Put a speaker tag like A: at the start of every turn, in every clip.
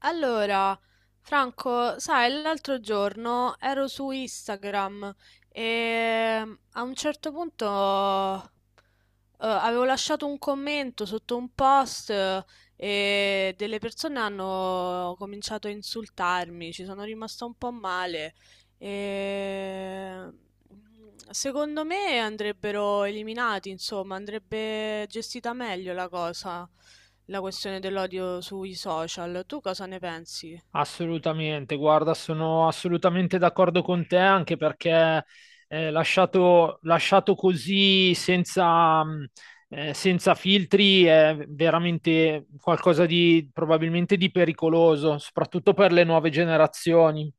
A: Allora, Franco, sai, l'altro giorno ero su Instagram e a un certo punto avevo lasciato un commento sotto un post, e delle persone hanno cominciato a insultarmi. Ci sono rimasta un po' male. E Secondo me andrebbero eliminati, insomma, andrebbe gestita meglio la cosa, la questione dell'odio sui social. Tu cosa ne pensi?
B: Assolutamente, guarda, sono assolutamente d'accordo con te, anche perché lasciato così senza, senza filtri è veramente qualcosa di probabilmente di pericoloso, soprattutto per le nuove generazioni.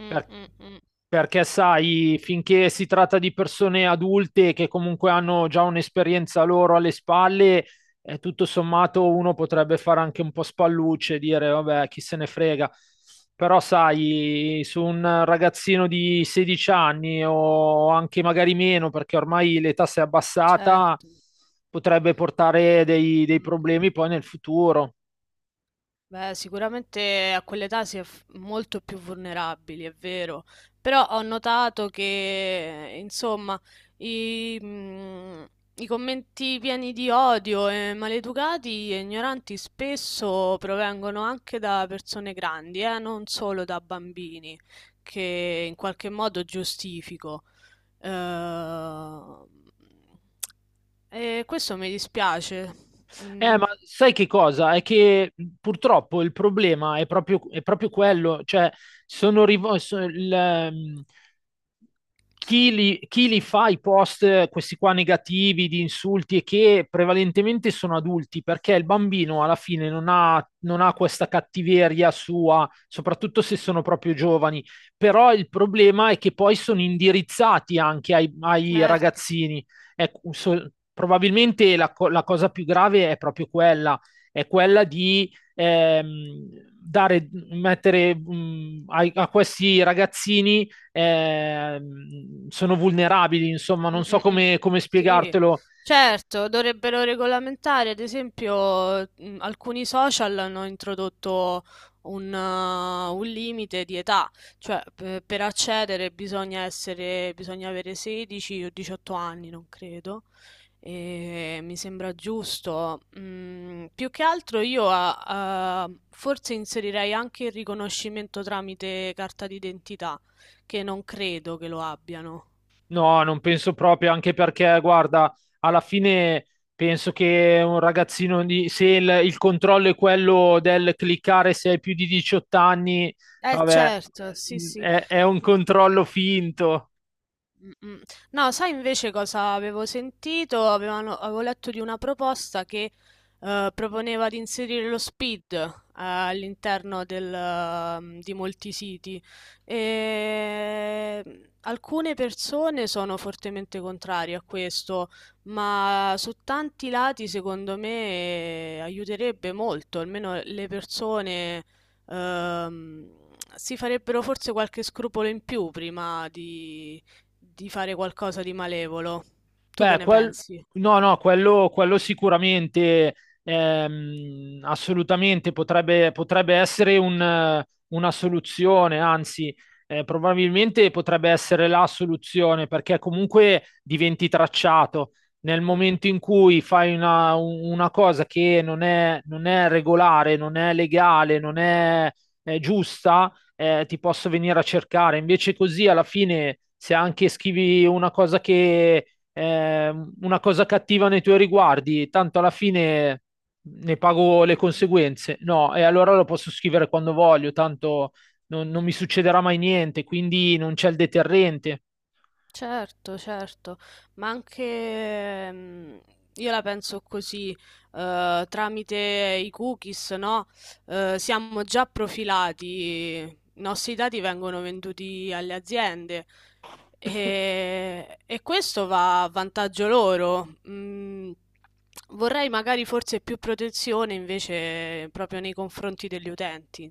A: Mm,
B: Per-
A: mm, mm.
B: Perché sai, finché si tratta di persone adulte che comunque hanno già un'esperienza loro alle spalle, e tutto sommato uno potrebbe fare anche un po' spallucce, e dire vabbè, chi se ne frega. Però sai, su un ragazzino di 16 anni o anche magari meno, perché ormai l'età si è abbassata,
A: Certo.
B: potrebbe portare dei
A: Mm, mm.
B: problemi poi nel futuro.
A: Beh, sicuramente a quell'età si è molto più vulnerabili, è vero, però ho notato che, insomma, i, mm, i commenti pieni di odio e maleducati e ignoranti spesso provengono anche da persone grandi, non solo da bambini, che in qualche modo giustifico. Eh, E questo mi dispiace. Mm,
B: Ma sai che cosa? È che purtroppo il problema è proprio quello, cioè sono rivo- so- il, chi li fa i post, questi qua negativi, di insulti, e che prevalentemente sono adulti, perché il bambino alla fine non ha questa cattiveria sua, soprattutto se sono proprio
A: sì.
B: giovani. Però il problema è che poi sono indirizzati anche ai
A: Certo.
B: ragazzini. Ecco, probabilmente la cosa più grave è proprio quella, è quella di mettere questi ragazzini, sono vulnerabili, insomma,
A: Mm,
B: non so
A: mm, mm.
B: come
A: Sì,
B: spiegartelo.
A: certo, dovrebbero regolamentare, ad esempio, alcuni social hanno introdotto un limite di età, cioè per accedere, bisogna avere 16 o 18 anni, non credo, e mi sembra giusto. Più che altro io forse inserirei anche il riconoscimento tramite carta d'identità, che non credo che lo abbiano.
B: No, non penso proprio, anche perché, guarda, alla fine penso che un ragazzino se il controllo è quello del cliccare se hai più di 18 anni,
A: Eh
B: vabbè,
A: certo, sì sì.
B: è un controllo finto.
A: Mm-mm. No, sai invece cosa avevo sentito? Avevo letto di una proposta che proponeva di inserire lo speed all'interno di molti siti, e alcune persone sono fortemente contrarie a questo, ma su tanti lati secondo me aiuterebbe molto, almeno le persone ehm, si farebbero forse qualche scrupolo in più prima di fare qualcosa di malevolo. Tu che
B: Beh,
A: ne pensi?
B: no, no, quello sicuramente, assolutamente potrebbe essere una soluzione, anzi, probabilmente potrebbe essere la soluzione, perché comunque diventi tracciato. Nel
A: Mm-mm.
B: momento in cui fai una cosa che non è regolare, non è legale, non è giusta, ti posso venire a cercare. Invece così, alla fine, se anche scrivi una cosa che eh, una cosa cattiva nei tuoi riguardi, tanto alla fine ne pago le conseguenze. No, e allora lo posso scrivere quando voglio, tanto non mi succederà mai niente, quindi non c'è il deterrente.
A: Certo, certo, ma anche io la penso così, tramite i cookies, no? Siamo già profilati, i nostri dati vengono venduti alle aziende, e questo va a vantaggio loro. Vorrei magari forse più protezione invece proprio nei confronti degli utenti.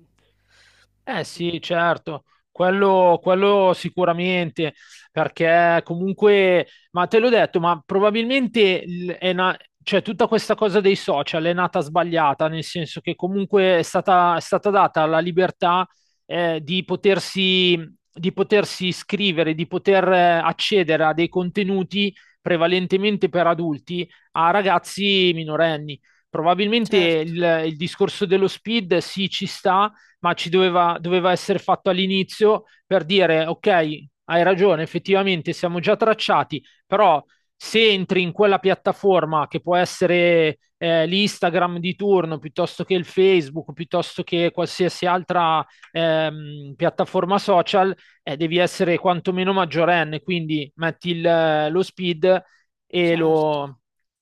B: Eh
A: Mm,
B: sì, certo, quello sicuramente, perché comunque, ma te l'ho detto, ma probabilmente cioè, tutta questa cosa dei social è nata sbagliata, nel senso che comunque è stata data la libertà, eh, di potersi, di potersi iscrivere, di poter accedere a dei contenuti prevalentemente per adulti a ragazzi minorenni. Probabilmente
A: certo,
B: il discorso dello speed sì ci sta, ma doveva essere fatto all'inizio per dire, ok, hai ragione, effettivamente siamo già tracciati, però se entri in quella piattaforma che può essere l'Instagram di turno, piuttosto che il Facebook, piuttosto che qualsiasi altra piattaforma social, devi essere quantomeno maggiorenne, quindi metti lo speed e lo...
A: certo.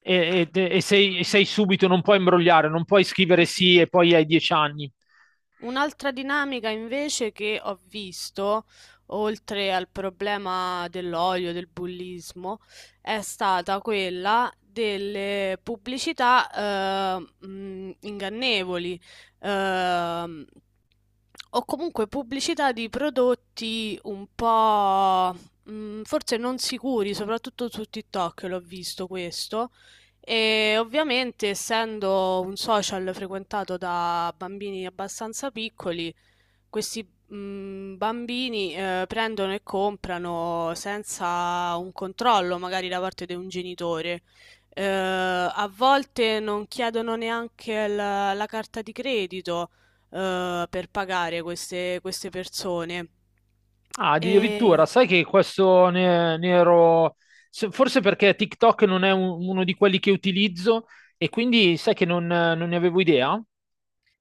B: e sei subito, non puoi imbrogliare, non puoi
A: Mm,
B: scrivere
A: mm, mm,
B: sì
A: mm,
B: e
A: mm. Mm.
B: poi hai 10 anni.
A: Un'altra dinamica invece che ho visto, oltre al problema dell'odio, del bullismo, è stata quella delle pubblicità ingannevoli. Ehm, o comunque pubblicità di prodotti un po' forse non sicuri, soprattutto su TikTok l'ho visto questo. E ovviamente, essendo un social frequentato da bambini abbastanza piccoli, questi bambini prendono e comprano senza un controllo, magari da parte di un genitore. A volte non chiedono neanche la carta di credito per pagare queste persone.
B: Ah,
A: E...
B: addirittura, sai che questo ne ero. Forse perché TikTok non è uno di quelli che utilizzo, e quindi sai che non ne avevo idea.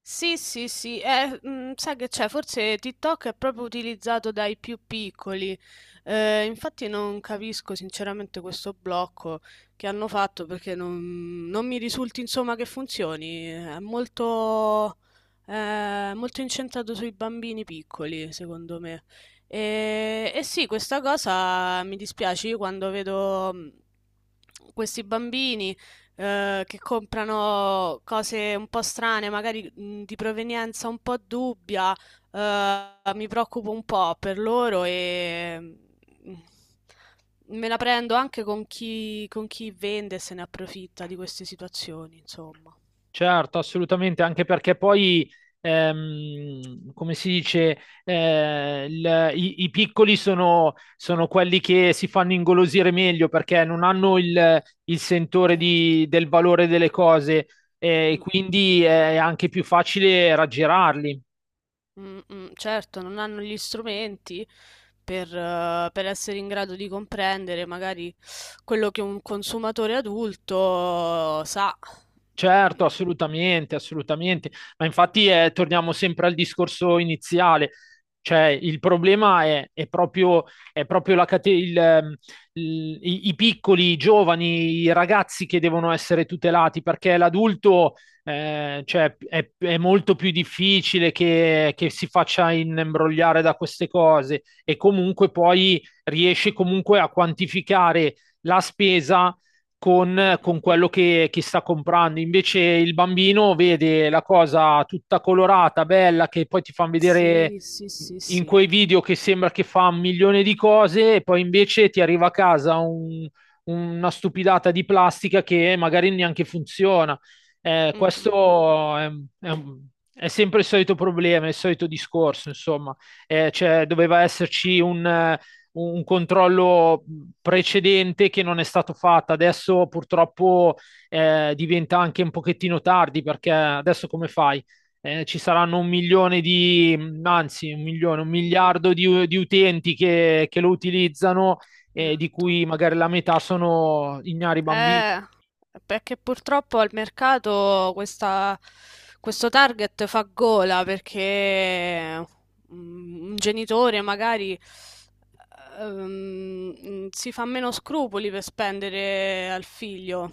A: Sì, sì, sì, sai che c'è, forse TikTok è proprio utilizzato dai più piccoli. Infatti non capisco sinceramente questo blocco che hanno fatto perché non mi risulti insomma che funzioni, è molto incentrato sui bambini piccoli secondo me. E sì, questa cosa mi dispiace. Io quando vedo questi bambini che comprano cose un po' strane, magari di provenienza un po' dubbia, mi preoccupo un po' per loro, e me la prendo anche con chi vende e se ne approfitta di queste situazioni, insomma.
B: Certo, assolutamente, anche perché poi, come si dice, i piccoli sono quelli che si fanno ingolosire meglio perché non hanno il sentore
A: Certo.
B: del valore delle cose, e
A: Mm, mm,
B: quindi è anche più facile raggirarli.
A: mm, mm. Certo, non hanno gli strumenti per essere in grado di comprendere magari quello che un consumatore adulto sa.
B: Certo,
A: Mm.
B: assolutamente, assolutamente. Ma infatti torniamo sempre al discorso iniziale. Cioè, il problema è proprio la cate- il- i piccoli, i giovani, i ragazzi che devono essere tutelati, perché l'adulto, cioè, è molto più difficile che si faccia imbrogliare da queste cose, e comunque poi riesce comunque a quantificare la spesa
A: Mh,
B: con,
A: mh,
B: con
A: mh.
B: quello che sta comprando. Invece il bambino vede la cosa tutta colorata, bella, che poi ti fanno vedere
A: Sì, sì, sì,
B: in
A: sì.
B: quei video che sembra che fa un milione di cose, e poi invece ti arriva a casa una stupidata di plastica che magari neanche funziona.
A: Mh, mh, mh,
B: Questo è è sempre il solito problema, il solito discorso, insomma. Cioè, doveva esserci un controllo precedente che non è stato fatto. Adesso purtroppo diventa anche un pochettino tardi perché adesso come fai? Ci saranno un milione di, anzi un milione, un
A: mh, mh.
B: miliardo di utenti lo utilizzano, di
A: Certo.
B: cui magari la metà sono ignari bambini.
A: Eh, Perché purtroppo al mercato questa, questo target fa gola perché un genitore magari ehm, si fa meno scrupoli per spendere al figlio,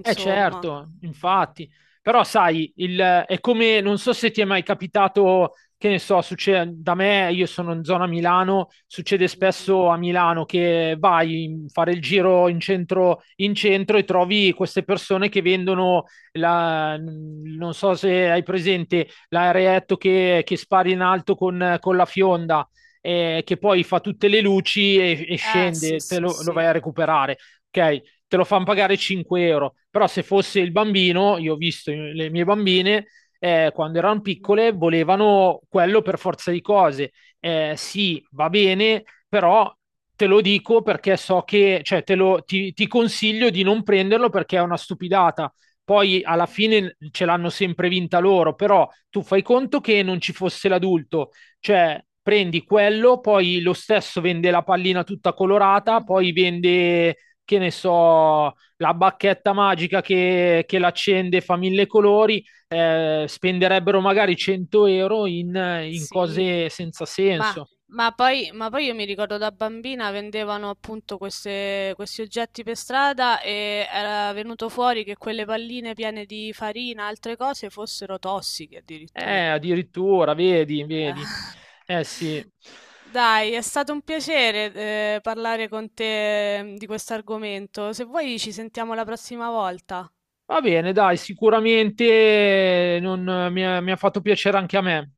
B: Eh certo, infatti, però sai, è come, non so se ti è mai capitato, che ne so, succede, da me, io sono in zona Milano, succede
A: Mhm.
B: spesso a Milano che vai a fare il giro in centro, e trovi queste persone che vendono, non so se hai presente, l'aereetto che spari in alto con la fionda, che poi fa tutte le luci e
A: Ah, sì,
B: scende, te
A: sì,
B: lo
A: sì.
B: vai a recuperare. Ok, te lo fanno pagare 5 euro. Però se fosse il bambino, io ho visto le mie bambine, quando erano
A: Mhm.
B: piccole, volevano quello per forza di cose. Sì, va bene, però te lo dico perché so che, cioè, ti consiglio di non prenderlo perché è una stupidata. Poi alla
A: Mhm.
B: fine ce l'hanno sempre vinta loro, però tu fai conto che non ci fosse l'adulto, cioè prendi quello, poi lo stesso vende la pallina tutta colorata, poi
A: Mhm.
B: vende che ne so, la bacchetta magica che l'accende fa mille colori, spenderebbero magari 100 euro in
A: Sì.
B: cose senza
A: Ma,
B: senso.
A: ma poi io mi ricordo, da bambina vendevano appunto questi oggetti per strada, e era venuto fuori che quelle palline piene di farina e altre cose fossero tossiche addirittura.
B: Addirittura, vedi, vedi.
A: Eh.
B: Eh sì.
A: Dai, è stato un piacere parlare con te di questo argomento. Se vuoi ci sentiamo la prossima volta.
B: Va bene, dai, sicuramente mi ha fatto piacere anche a me.